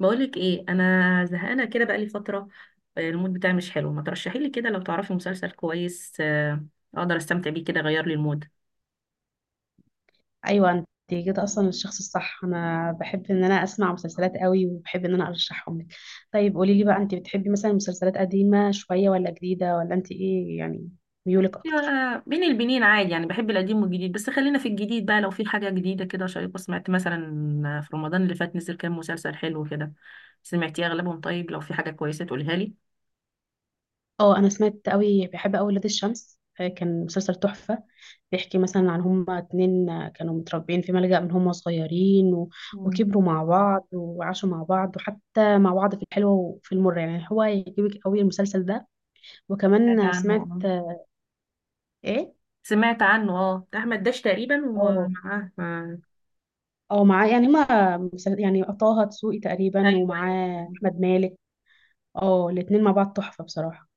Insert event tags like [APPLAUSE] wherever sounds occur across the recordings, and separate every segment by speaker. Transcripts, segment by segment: Speaker 1: بقولك ايه، انا زهقانه كده بقالي فتره. المود بتاعي مش حلو، ما ترشحي لي كده لو تعرفي مسلسل كويس اقدر استمتع بيه كده، غير لي المود.
Speaker 2: ايوه، انت جيت اصلا الشخص الصح. انا بحب ان انا اسمع مسلسلات قوي، وبحب ان انا ارشحهم لك. طيب قولي لي بقى، انت بتحبي مثلا مسلسلات قديمه شويه ولا جديده، ولا انت ايه يعني ميولك اكتر؟
Speaker 1: أيوة، بين البنين عادي، يعني بحب القديم والجديد، بس خلينا في الجديد بقى. لو في حاجه جديده كده شيقه سمعت مثلا في رمضان اللي فات نزل كام مسلسل حلو كده، سمعتي اغلبهم؟ طيب لو في حاجه كويسه تقولها لي.
Speaker 2: اه، انا سمعت قوي، بحب قوي ولاد الشمس. كان مسلسل تحفه. بيحكي مثلا عن هما اتنين، كانوا متربيين في ملجأ من هما صغيرين
Speaker 1: مم.
Speaker 2: وكبروا مع بعض وعاشوا مع بعض، وحتى مع بعض في الحلوه وفي المره. يعني هو يعجبك قوي المسلسل ده. وكمان
Speaker 1: سمعت عنه
Speaker 2: سمعت
Speaker 1: اه.
Speaker 2: ايه؟
Speaker 1: سمعت عنه اه، بتاع احمد داش تقريبا
Speaker 2: اه،
Speaker 1: ومعاه
Speaker 2: اه، معاه. يعني ما مسل- يعني طه دسوقي تقريبا
Speaker 1: ايوه ايوه
Speaker 2: ومعاه
Speaker 1: تمام.
Speaker 2: احمد مالك. اه، الاتنين مع بعض تحفة بصراحة.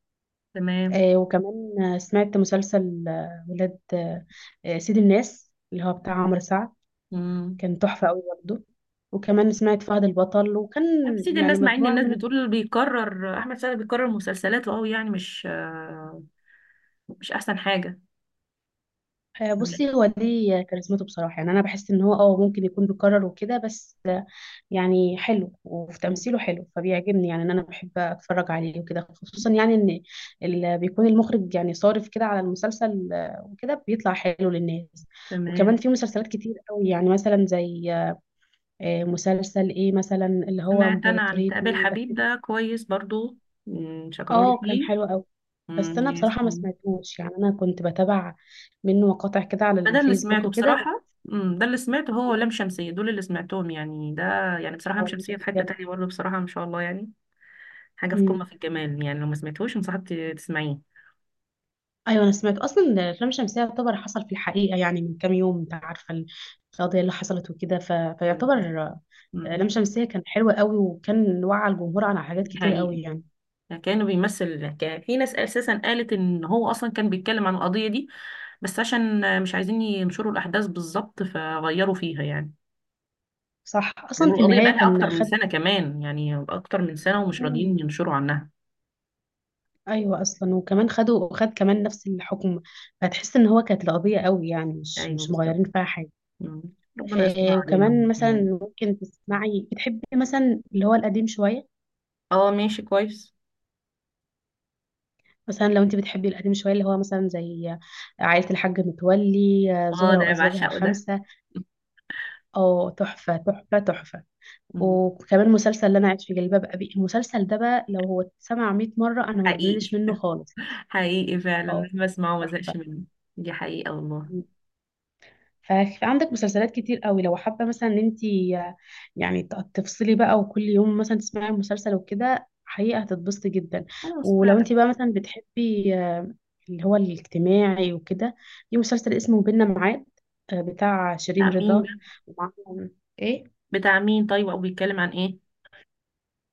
Speaker 1: تمام.
Speaker 2: وكمان، سمعت مسلسل، ولاد، سيد الناس اللي هو بتاع عمرو سعد.
Speaker 1: مم.
Speaker 2: كان تحفة قوي برضه. وكمان سمعت فهد البطل، وكان
Speaker 1: تمثيل
Speaker 2: يعني
Speaker 1: الناس، مع ان
Speaker 2: مجموعة
Speaker 1: الناس
Speaker 2: من،
Speaker 1: بتقول بيكرر احمد سعد، بيكرر مسلسلاته قوي، يعني مش احسن حاجه. لا.
Speaker 2: بصي، هو دي كاريزمته بصراحة. يعني أنا بحس إن هو اه ممكن يكون بيكرر وكده، بس يعني حلو وفي
Speaker 1: مم.
Speaker 2: تمثيله حلو، فبيعجبني. يعني ان انا بحب اتفرج عليه وكده، خصوصا يعني ان اللي بيكون المخرج يعني صارف كده على المسلسل، وكده بيطلع حلو للناس. وكمان
Speaker 1: تمام.
Speaker 2: في مسلسلات كتير قوي، يعني مثلا زي مسلسل ايه مثلا، اللي هو
Speaker 1: سمعت انا عن
Speaker 2: امبراطورية
Speaker 1: تقابل
Speaker 2: مين
Speaker 1: حبيب
Speaker 2: بس.
Speaker 1: ده كويس برضو. مم، شكرولي
Speaker 2: اه كان
Speaker 1: فيه.
Speaker 2: حلو قوي، بس
Speaker 1: مم،
Speaker 2: انا
Speaker 1: يس
Speaker 2: بصراحة ما
Speaker 1: مم.
Speaker 2: سمعتوش. يعني انا كنت بتابع منه مقاطع كده على
Speaker 1: ده اللي
Speaker 2: الفيسبوك
Speaker 1: سمعته
Speaker 2: وكده بس.
Speaker 1: بصراحه، مم، ده اللي سمعته، هو ولام شمسيه دول اللي سمعتهم يعني. ده يعني بصراحه
Speaker 2: هو
Speaker 1: لام
Speaker 2: أنا
Speaker 1: شمسيه في حته
Speaker 2: مش
Speaker 1: تانية برضه بصراحه، ما شاء الله، يعني حاجه في قمه
Speaker 2: هتابعه.
Speaker 1: في الجمال، يعني لو ما سمعتهوش انصحك تسمعيه.
Speaker 2: ايوه، انا سمعت اصلا إن الافلام الشمسيه يعتبر حصل في الحقيقه. يعني من كام يوم انت عارفه القضيه اللي حصلت وكده، فيعتبر
Speaker 1: مم،
Speaker 2: لام شمسية كان حلوة قوي، وكان وعى الجمهور على حاجات
Speaker 1: دي
Speaker 2: كتير
Speaker 1: حقيقة.
Speaker 2: قوي يعني.
Speaker 1: كانه بيمثل الحكايه، في ناس اساسا قالت ان هو اصلا كان بيتكلم عن القضيه دي، بس عشان مش عايزين ينشروا الاحداث بالظبط فغيروا فيها يعني.
Speaker 2: صح، أصلا
Speaker 1: بيقولوا
Speaker 2: في
Speaker 1: القضيه
Speaker 2: النهاية
Speaker 1: بقالها اكتر
Speaker 2: كان
Speaker 1: من
Speaker 2: خد
Speaker 1: سنه، كمان يعني اكتر من سنه
Speaker 2: [CLEARS THROAT]
Speaker 1: ومش راضيين
Speaker 2: مم.
Speaker 1: ينشروا عنها.
Speaker 2: أيوة، أصلا وكمان خدوا، وخد كمان نفس الحكم. فتحس إن هو كانت القضية قوي، يعني مش
Speaker 1: ايوه
Speaker 2: مش
Speaker 1: بالظبط.
Speaker 2: مغيرين فيها حاجة.
Speaker 1: مم. ربنا يستر علينا من
Speaker 2: وكمان
Speaker 1: دي
Speaker 2: مثلا
Speaker 1: يعني.
Speaker 2: ممكن تسمعي، بتحبي مثلا اللي هو القديم شوية.
Speaker 1: اه ماشي كويس.
Speaker 2: مثلا لو انت بتحبي القديم شويه، اللي هو مثلا زي عائله الحاج متولي،
Speaker 1: اه
Speaker 2: زهره
Speaker 1: ده انا
Speaker 2: وازواجها
Speaker 1: بعشقه ده.
Speaker 2: الخمسه. او تحفه تحفه تحفه.
Speaker 1: مم.
Speaker 2: وكمان مسلسل اللي انا عايش في جلباب ابي. المسلسل ده بقى لو هو اتسمع 100 مره انا ما
Speaker 1: حقيقي.
Speaker 2: بملش منه خالص.
Speaker 1: [LAUGHS] حقيقي فعلا،
Speaker 2: اه،
Speaker 1: مهما اسمعه ما
Speaker 2: تحفه.
Speaker 1: زهقش منه. دي حقيقه والله.
Speaker 2: ففي عندك مسلسلات كتير قوي لو حابة مثلا ان انت يعني تفصلي بقى، وكل يوم مثلا تسمعي مسلسل وكده، حقيقة هتتبسطي جدا.
Speaker 1: خلاص
Speaker 2: ولو
Speaker 1: فعلا.
Speaker 2: انت بقى مثلا بتحبي اللي هو الاجتماعي وكده، في مسلسل اسمه بينا معاد، بتاع
Speaker 1: بتاع
Speaker 2: شيرين
Speaker 1: مين ده؟
Speaker 2: رضا ومعاهم. ايه؟
Speaker 1: بتاع مين طيب، او بيتكلم عن ايه؟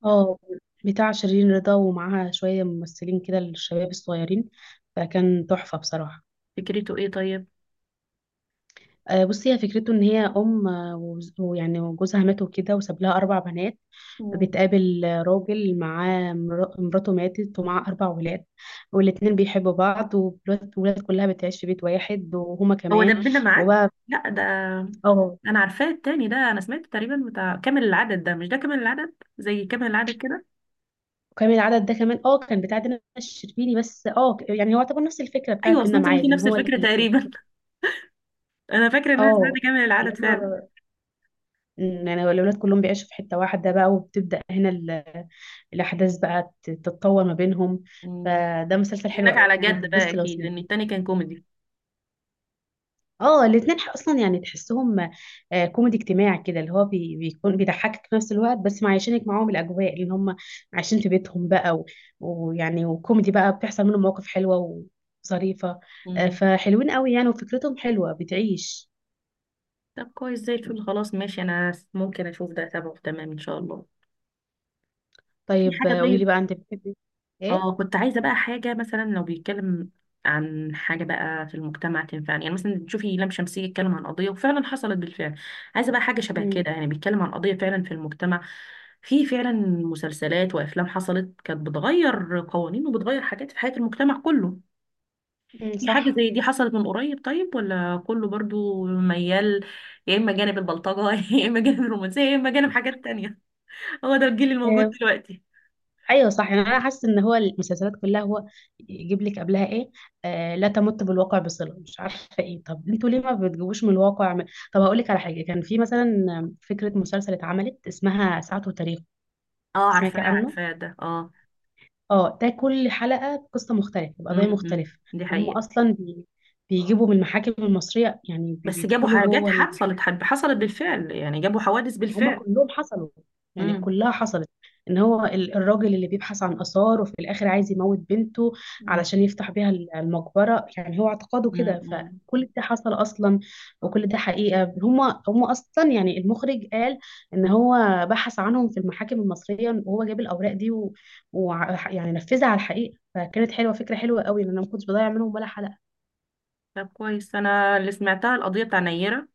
Speaker 2: اه، بتاع شيرين رضا ومعاها شوية ممثلين كده الشباب الصغيرين. فكان تحفة بصراحة.
Speaker 1: فكرته ايه طيب؟
Speaker 2: بصي، هي فكرته ان هي ام، ويعني وجوزها مات وكده، وساب لها اربع بنات.
Speaker 1: مم.
Speaker 2: بتقابل راجل معاه مراته ماتت، ومعاه اربع ولاد. والاتنين بيحبوا بعض، والولاد كلها بتعيش في بيت واحد، وهما
Speaker 1: هو
Speaker 2: كمان
Speaker 1: دبنا معاك.
Speaker 2: وبقى.
Speaker 1: لا ده.
Speaker 2: اه،
Speaker 1: انا عارفاه التاني ده، انا سمعت تقريبا بتاع كامل العدد ده، مش ده كامل العدد، زي كامل العدد كده.
Speaker 2: وكمان العدد ده كمان اه كان بتاع دينا الشربيني. بس اه يعني هو يعتبر نفس الفكره
Speaker 1: ايوه،
Speaker 2: بتاعت
Speaker 1: اصل
Speaker 2: بينا
Speaker 1: انت قلتي
Speaker 2: معاد، ان
Speaker 1: نفس
Speaker 2: هو
Speaker 1: الفكره تقريبا. [LAUGHS] انا فاكره ان انا
Speaker 2: اه،
Speaker 1: سمعت كامل
Speaker 2: اللي
Speaker 1: العدد فعلا.
Speaker 2: هما أمم، يعني الأولاد كلهم بيعيشوا في حتة واحدة بقى، وبتبدأ هنا الأحداث بقى تتطور ما بينهم.
Speaker 1: مم.
Speaker 2: فده مسلسل حلو
Speaker 1: هناك
Speaker 2: قوي،
Speaker 1: على
Speaker 2: يعني
Speaker 1: جد بقى
Speaker 2: هتتبسط لو
Speaker 1: اكيد، لان
Speaker 2: سمعته.
Speaker 1: التاني كان كوميدي.
Speaker 2: اه الاتنين أصلا يعني تحسهم كوميدي اجتماعي كده، اللي هو بيكون بيضحكك في نفس الوقت، بس معيشينك معاهم الأجواء اللي هم عايشين في بيتهم بقى ويعني وكوميدي بقى، بتحصل منهم مواقف حلوة وظريفة.
Speaker 1: مم.
Speaker 2: فحلوين قوي يعني، وفكرتهم حلوة بتعيش.
Speaker 1: طب كويس زي الفل. خلاص ماشي، انا ممكن اشوف ده. تمام تمام ان شاء الله. في
Speaker 2: طيب،
Speaker 1: حاجه
Speaker 2: قولي لي
Speaker 1: طيب.
Speaker 2: بقى، أنت بتحبي
Speaker 1: اه،
Speaker 2: إيه؟
Speaker 1: كنت عايزة بقى حاجة مثلا لو بيتكلم عن حاجة بقى في المجتمع تنفعني، يعني مثلا تشوفي لام شمسية يتكلم عن قضية وفعلا حصلت بالفعل. عايزة بقى حاجة شبه
Speaker 2: أمم،
Speaker 1: كده، يعني بيتكلم عن قضية فعلا في المجتمع. في فعلا مسلسلات وأفلام حصلت، كانت بتغير قوانين وبتغير حاجات في حياة المجتمع كله.
Speaker 2: أمم،
Speaker 1: في حاجة
Speaker 2: صح.
Speaker 1: زي دي حصلت من قريب؟ طيب ولا كله برضو ميال، يا إما جانب البلطجة [LAUGHS] يا إما جانب الرومانسية يا إما جانب حاجات تانية؟ هو ده الجيل الموجود دلوقتي.
Speaker 2: ايوه صح، يعني انا حاسه ان هو المسلسلات كلها هو يجيب لك قبلها ايه. آه لا تمت بالواقع بصله، مش عارفه ايه. طب انتوا ليه ما بتجيبوش من الواقع من... طب هقول لك على حاجه. كان في مثلا فكره مسلسل اتعملت اسمها ساعته وتاريخ.
Speaker 1: اه
Speaker 2: سمعتي
Speaker 1: عارفاه
Speaker 2: عنه؟
Speaker 1: عارفاه ده اه.
Speaker 2: اه ده كل حلقه بقصه مختلفه بقضيه
Speaker 1: امم،
Speaker 2: مختلفه.
Speaker 1: دي
Speaker 2: هم
Speaker 1: حقيقة.
Speaker 2: اصلا بي... بيجيبوا من المحاكم المصريه، يعني
Speaker 1: بس جابوا
Speaker 2: بيدخلوا
Speaker 1: حاجات
Speaker 2: جوه.
Speaker 1: حصلت بالفعل، يعني جابوا حوادث
Speaker 2: ما هم
Speaker 1: بالفعل.
Speaker 2: كلهم حصلوا، يعني
Speaker 1: امم.
Speaker 2: كلها حصلت. ان هو الراجل اللي بيبحث عن اثار، وفي الاخر عايز يموت بنته
Speaker 1: مم.
Speaker 2: علشان يفتح بيها المقبره، يعني هو اعتقاده
Speaker 1: مم.
Speaker 2: كده.
Speaker 1: مم.
Speaker 2: فكل ده حصل اصلا، وكل ده حقيقه. هم اصلا يعني المخرج قال ان هو بحث عنهم في المحاكم المصريه، وهو جاب الاوراق دي و... و... يعني نفذها على الحقيقه. فكانت حلوه، فكره حلوه قوي، لان انا ما كنتش بضيع منهم ولا حلقه.
Speaker 1: طب كويس. انا اللي سمعتها القضيه بتاع نيره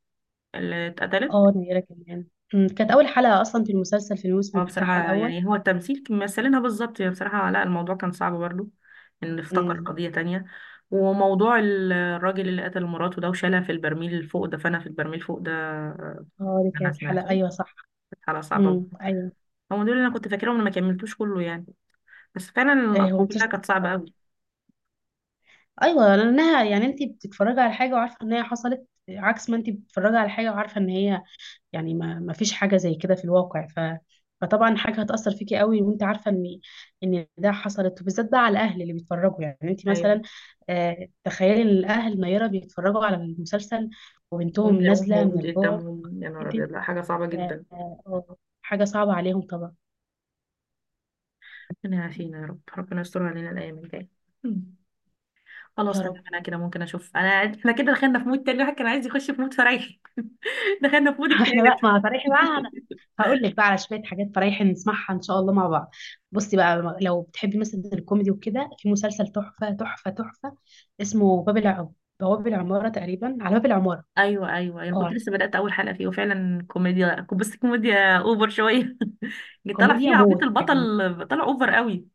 Speaker 1: اللي اتقتلت.
Speaker 2: اه، نيره كمان. أمم، كانت اول حلقه اصلا في المسلسل في الموسم
Speaker 1: هو بصراحه
Speaker 2: بتاعها الاول.
Speaker 1: يعني، هو التمثيل كان مثلينها بالظبط يعني بصراحه، لا الموضوع كان صعب برضو، ان افتكر
Speaker 2: أمم.
Speaker 1: قضيه تانية. وموضوع الراجل اللي قتل مراته ده وشالها في البرميل فوق، دفنها في البرميل فوق ده.
Speaker 2: اه دي
Speaker 1: انا
Speaker 2: كانت حلقة،
Speaker 1: سمعته.
Speaker 2: ايوه صح.
Speaker 1: كانت حاله صعبه برضو.
Speaker 2: ايوه.
Speaker 1: هم دول اللي انا كنت فاكرهم، انا ما كملتوش كله يعني. بس فعلا
Speaker 2: ايه،
Speaker 1: القضيه
Speaker 2: هو
Speaker 1: كلها
Speaker 2: مسلسل
Speaker 1: كانت
Speaker 2: حلو
Speaker 1: صعبه.
Speaker 2: أوي. ايوه، لانها يعني انت بتتفرجي على حاجة وعارفة ان هي حصلت، عكس ما انت بتتفرجي على حاجة وعارفة ان هي يعني ما فيش حاجة زي كده في الواقع، ف فطبعا حاجة هتأثر فيكي قوي، وانت عارفة ان ان ده حصلت. وبالذات بقى على الاهل اللي بيتفرجوا، يعني انت
Speaker 1: قوي.
Speaker 2: مثلا آه تخيلي ان الاهل نيرة بيتفرجوا على المسلسل وبنتهم
Speaker 1: ويلاقوه
Speaker 2: نازلة من
Speaker 1: موجود
Speaker 2: البعد
Speaker 1: قدامهم، يا نهار
Speaker 2: كده.
Speaker 1: أبيض، لا حاجة صعبة
Speaker 2: آه
Speaker 1: جدا.
Speaker 2: آه، حاجة صعبة عليهم طبعا.
Speaker 1: ربنا يعافينا يا رب، ربنا يستر علينا الأيام الجاية. مم. خلاص
Speaker 2: يا
Speaker 1: تمام،
Speaker 2: رب.
Speaker 1: أنا كده ممكن أشوف أنا. إحنا كده دخلنا في مود تاني، الواحد كان عايز يخش في مود فريحي. [LAUGHS] دخلنا في مود
Speaker 2: [LAUGHS] احنا بقى
Speaker 1: اكتئاب.
Speaker 2: ما فريحي بقى انا.
Speaker 1: [LAUGHS]
Speaker 2: هقول لك بقى على شويه حاجات فريحي نسمعها ان شاء الله مع بعض. بصي بقى لو بتحبي مثلا الكوميدي وكده، في مسلسل تحفه تحفه تحفه اسمه باب العم، بواب العماره تقريبا، على باب العماره.
Speaker 1: أيوه أيوه، أنا كنت
Speaker 2: اه
Speaker 1: لسه بدأت أول حلقة فيه وفعلا كوميديا، بس كوميديا أوفر شوية. [LAUGHS] جيت طالع
Speaker 2: كوميديا
Speaker 1: فيه عبيط
Speaker 2: موت يعني.
Speaker 1: البطل. طالع أوفر قوي.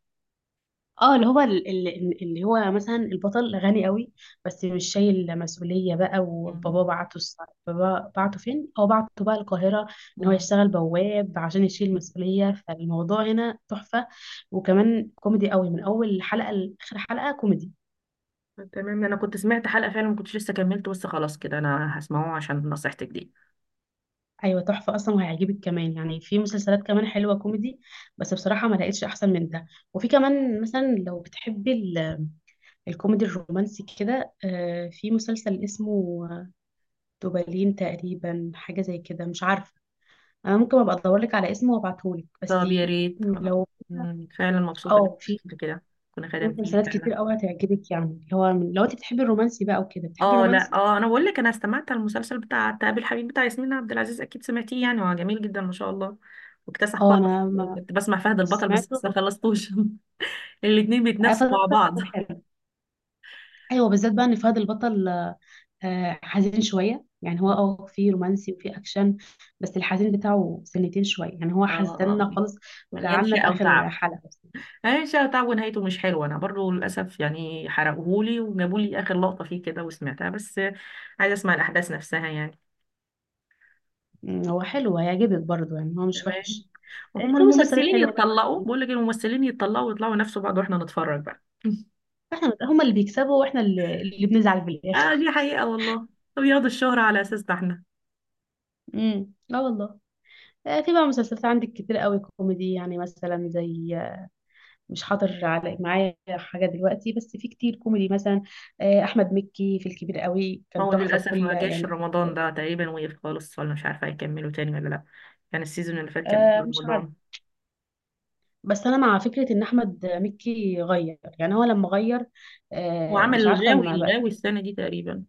Speaker 2: اه اللي هو اللي هو مثلا البطل غني قوي، بس مش شايل مسؤولية بقى.
Speaker 1: مم.
Speaker 2: بابا بعته فين؟ هو بعته بقى القاهرة، ان هو
Speaker 1: مم.
Speaker 2: يشتغل بواب عشان يشيل مسؤولية. فالموضوع هنا تحفة، وكمان كوميدي قوي من اول حلقة لاخر حلقة كوميدي.
Speaker 1: تمام، أنا كنت سمعت حلقة فعلا ما كنتش لسه كملت، بس خلاص كده أنا هسمعه عشان نصيحتك دي.
Speaker 2: ايوه تحفة اصلا وهيعجبك. كمان يعني في مسلسلات كمان حلوة كوميدي، بس بصراحة ما لقيتش احسن من ده. وفي كمان مثلا لو بتحبي الكوميدي الرومانسي كده، في مسلسل اسمه دوبالين تقريبا، حاجة زي كده مش عارفة. أنا ممكن أبقى أدورلك على اسمه وأبعتهولك بس.
Speaker 1: طب يا ريت خلاص.
Speaker 2: لو
Speaker 1: مم، فعلا مبسوطة إنك
Speaker 2: اه في
Speaker 1: عملت كده. كنا
Speaker 2: في
Speaker 1: خدمتيه
Speaker 2: مسلسلات
Speaker 1: فعلا.
Speaker 2: كتير أوي هتعجبك، يعني اللي هو من- لو أنت بتحبي الرومانسي بقى وكده، بتحبي
Speaker 1: اه لا
Speaker 2: الرومانسي.
Speaker 1: اه، انا بقول لك، انا استمعت على المسلسل بتاع تقابل الحبيب بتاع ياسمين عبد العزيز، اكيد سمعتيه، يعني هو جميل جدا ما شاء الله، واكتسح
Speaker 2: اه
Speaker 1: خالص.
Speaker 2: أنا ما
Speaker 1: وكنت بسمع فهد البطل بس
Speaker 2: سمعته.
Speaker 1: لسه خلصتوش. [LAUGHS] الاتنين
Speaker 2: فهد
Speaker 1: بيتنافسوا مع
Speaker 2: البطل
Speaker 1: بعض.
Speaker 2: كان
Speaker 1: [LAUGHS]
Speaker 2: حلو. أيوه بالذات بقى إن فهد البطل حزين شوية، يعني هو
Speaker 1: اه
Speaker 2: اه في رومانسي وفي أكشن، بس الحزين بتاعه سنتين شوية، يعني هو
Speaker 1: اه.
Speaker 2: حزننا خالص
Speaker 1: مليان
Speaker 2: وزعلنا في
Speaker 1: شقة
Speaker 2: آخر
Speaker 1: وتعب
Speaker 2: حلقة بس.
Speaker 1: مليان شقة وتعب ونهايته مش حلوة، انا برضو للاسف يعني حرقوهولي وجابولي اخر لقطة فيه كده وسمعتها، بس عايزة اسمع الاحداث نفسها يعني.
Speaker 2: مم، هو حلو هيعجبك برضه، يعني هو مش
Speaker 1: تمام.
Speaker 2: وحش.
Speaker 1: وهم
Speaker 2: في مسلسلات
Speaker 1: الممثلين
Speaker 2: حلوة بقى.
Speaker 1: يتطلقوا، بقول لك الممثلين يتطلقوا ويطلعوا ينافسوا بعض واحنا نتفرج بقى. [LAUGHS]
Speaker 2: هما اللي بيكسبوا واحنا اللي بنزعل في
Speaker 1: اه
Speaker 2: الاخر.
Speaker 1: دي حقيقة والله. وياخدوا الشهرة على اساسنا احنا.
Speaker 2: اه والله. في بقى مسلسلات عندك كتير قوي كوميدي، يعني مثلا زي مش حاضر على معايا حاجة دلوقتي، بس في كتير كوميدي مثلا أحمد مكي في الكبير قوي
Speaker 1: ما
Speaker 2: كان
Speaker 1: هو
Speaker 2: تحفة
Speaker 1: للاسف
Speaker 2: بكل
Speaker 1: ما جاش
Speaker 2: يعني.
Speaker 1: رمضان ده تقريبا، وقف خالص ولا مش عارفة هيكملوا تاني ولا لا. يعني السيزون اللي فات كان قبل
Speaker 2: مش عارف،
Speaker 1: رمضان.
Speaker 2: بس أنا مع فكرة إن أحمد مكي غير، يعني هو لما غير
Speaker 1: وعمل
Speaker 2: مش عارفة
Speaker 1: الغاوي،
Speaker 2: ما بقى.
Speaker 1: الغاوي السنة دي تقريبا.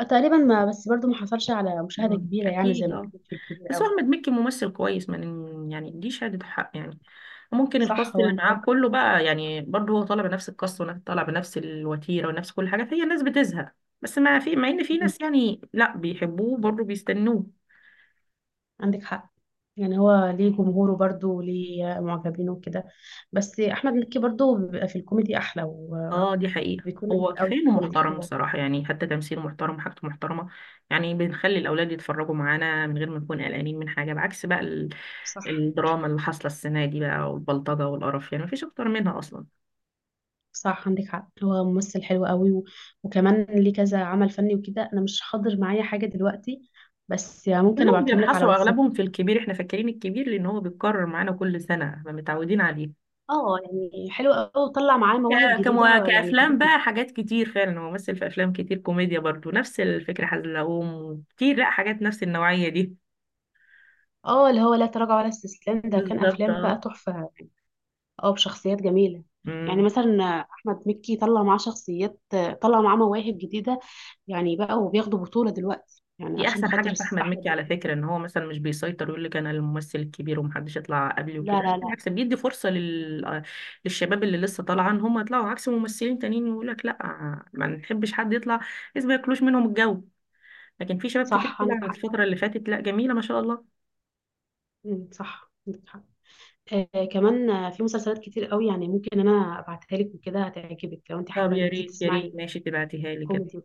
Speaker 2: تقريبا ما، بس برضو ما حصلش على مشاهدة
Speaker 1: مم.
Speaker 2: كبيرة، يعني زي
Speaker 1: اكيد
Speaker 2: ما
Speaker 1: اه.
Speaker 2: كان في الكبير
Speaker 1: بس هو
Speaker 2: قوي.
Speaker 1: احمد مكي ممثل كويس، ما ن- يعني دي شهادة حق يعني. ممكن
Speaker 2: صح،
Speaker 1: الكاست
Speaker 2: هو
Speaker 1: اللي
Speaker 2: أنا
Speaker 1: معاه كله بقى، يعني برضه، هو طالع بنفس الكاست ونفس، طالع بنفس الوتيره ونفس كل حاجه، فهي الناس بتزهق. بس ما في، مع ان في ناس يعني لا بيحبوه برضه بيستنوه.
Speaker 2: عندك حق. يعني هو ليه جمهوره برضه وليه معجبينه وكده، بس احمد مكي برضه بيبقى في الكوميدي احلى و،
Speaker 1: اه دي حقيقه،
Speaker 2: وبيكون لذيذ
Speaker 1: هو
Speaker 2: قوي
Speaker 1: كفايه
Speaker 2: في
Speaker 1: انه
Speaker 2: الكوميدي
Speaker 1: محترم
Speaker 2: هو.
Speaker 1: بصراحه، يعني حتى تمثيله محترم وحاجته محترمه. يعني بنخلي الاولاد يتفرجوا معانا من غير ما نكون قلقانين من حاجه، بعكس بقى
Speaker 2: صح،
Speaker 1: الدراما اللي حاصله السنه دي بقى، والبلطجه والقرف، يعني مفيش اكتر منها اصلا.
Speaker 2: صح عندك حق. هو ممثل حلو قوي و... وكمان ليه كذا عمل فني وكده، انا مش حاضر معايا حاجه دلوقتي، بس ممكن
Speaker 1: كلهم
Speaker 2: ابعتهم لك على
Speaker 1: بينحصروا
Speaker 2: واتساب.
Speaker 1: اغلبهم في الكبير، احنا فاكرين الكبير لان هو بيتكرر معانا كل سنه فمتعودين عليه.
Speaker 2: اه يعني حلو قوي، وطلع معاه مواهب جديده يعني
Speaker 1: كأفلام
Speaker 2: فادتني.
Speaker 1: بقى حاجات كتير فعلا، هو مثل في أفلام كتير كوميديا برضو نفس الفكرة، حزلقوم كتير، لا حاجات نفس النوعية دي.
Speaker 2: اه اللي هو لا تراجع ولا استسلام ده، كان
Speaker 1: بالظبط
Speaker 2: افلام
Speaker 1: اه.
Speaker 2: بقى تحفه. اه بشخصيات جميلة. يعني
Speaker 1: أمم.
Speaker 2: مثلا أحمد مكي طلع معاه شخصيات، طلع معاه مواهب جديدة، يعني بقى وبياخدوا بطولة دلوقتي، يعني
Speaker 1: دي
Speaker 2: عشان
Speaker 1: أحسن حاجة
Speaker 2: خاطر
Speaker 1: في أحمد
Speaker 2: أحمد
Speaker 1: مكي على
Speaker 2: مكي.
Speaker 1: فكرة، إن هو مثلا مش بيسيطر يقول لك أنا الممثل الكبير ومحدش يطلع قبلي
Speaker 2: لا
Speaker 1: وكده،
Speaker 2: لا لا.
Speaker 1: بالعكس بيدي فرصة للشباب اللي لسه طالعة إن هم يطلعوا، عكس ممثلين تانيين يقول لك لا ما نحبش حد يطلع، بس ما ياكلوش منهم الجو. لكن في شباب كتير
Speaker 2: صح عندك
Speaker 1: طلع
Speaker 2: حق.
Speaker 1: الفترة اللي فاتت، لا جميلة ما شاء الله.
Speaker 2: مم، صح عندك حق. آه كمان، في مسلسلات كتير قوي يعني، ممكن أنا أبعتها لك وكده هتعجبك، لو أنت
Speaker 1: طب
Speaker 2: حابة إن
Speaker 1: يا
Speaker 2: أنت
Speaker 1: ريت يا ريت
Speaker 2: تسمعي
Speaker 1: ماشي، تبعتيها لي كده.
Speaker 2: كوميدي.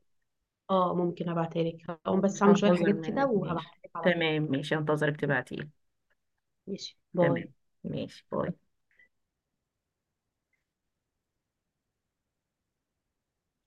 Speaker 2: اه ممكن أبعتها لك، هقوم بس
Speaker 1: مش
Speaker 2: أعمل شوية
Speaker 1: هنتظر
Speaker 2: حاجات كده
Speaker 1: منك، ماشي
Speaker 2: وهبعتها لك على طول.
Speaker 1: تمام، ماشي هنتظرك تبعتيلي.
Speaker 2: ماشي،
Speaker 1: تمام،
Speaker 2: باي.
Speaker 1: ماشي باي.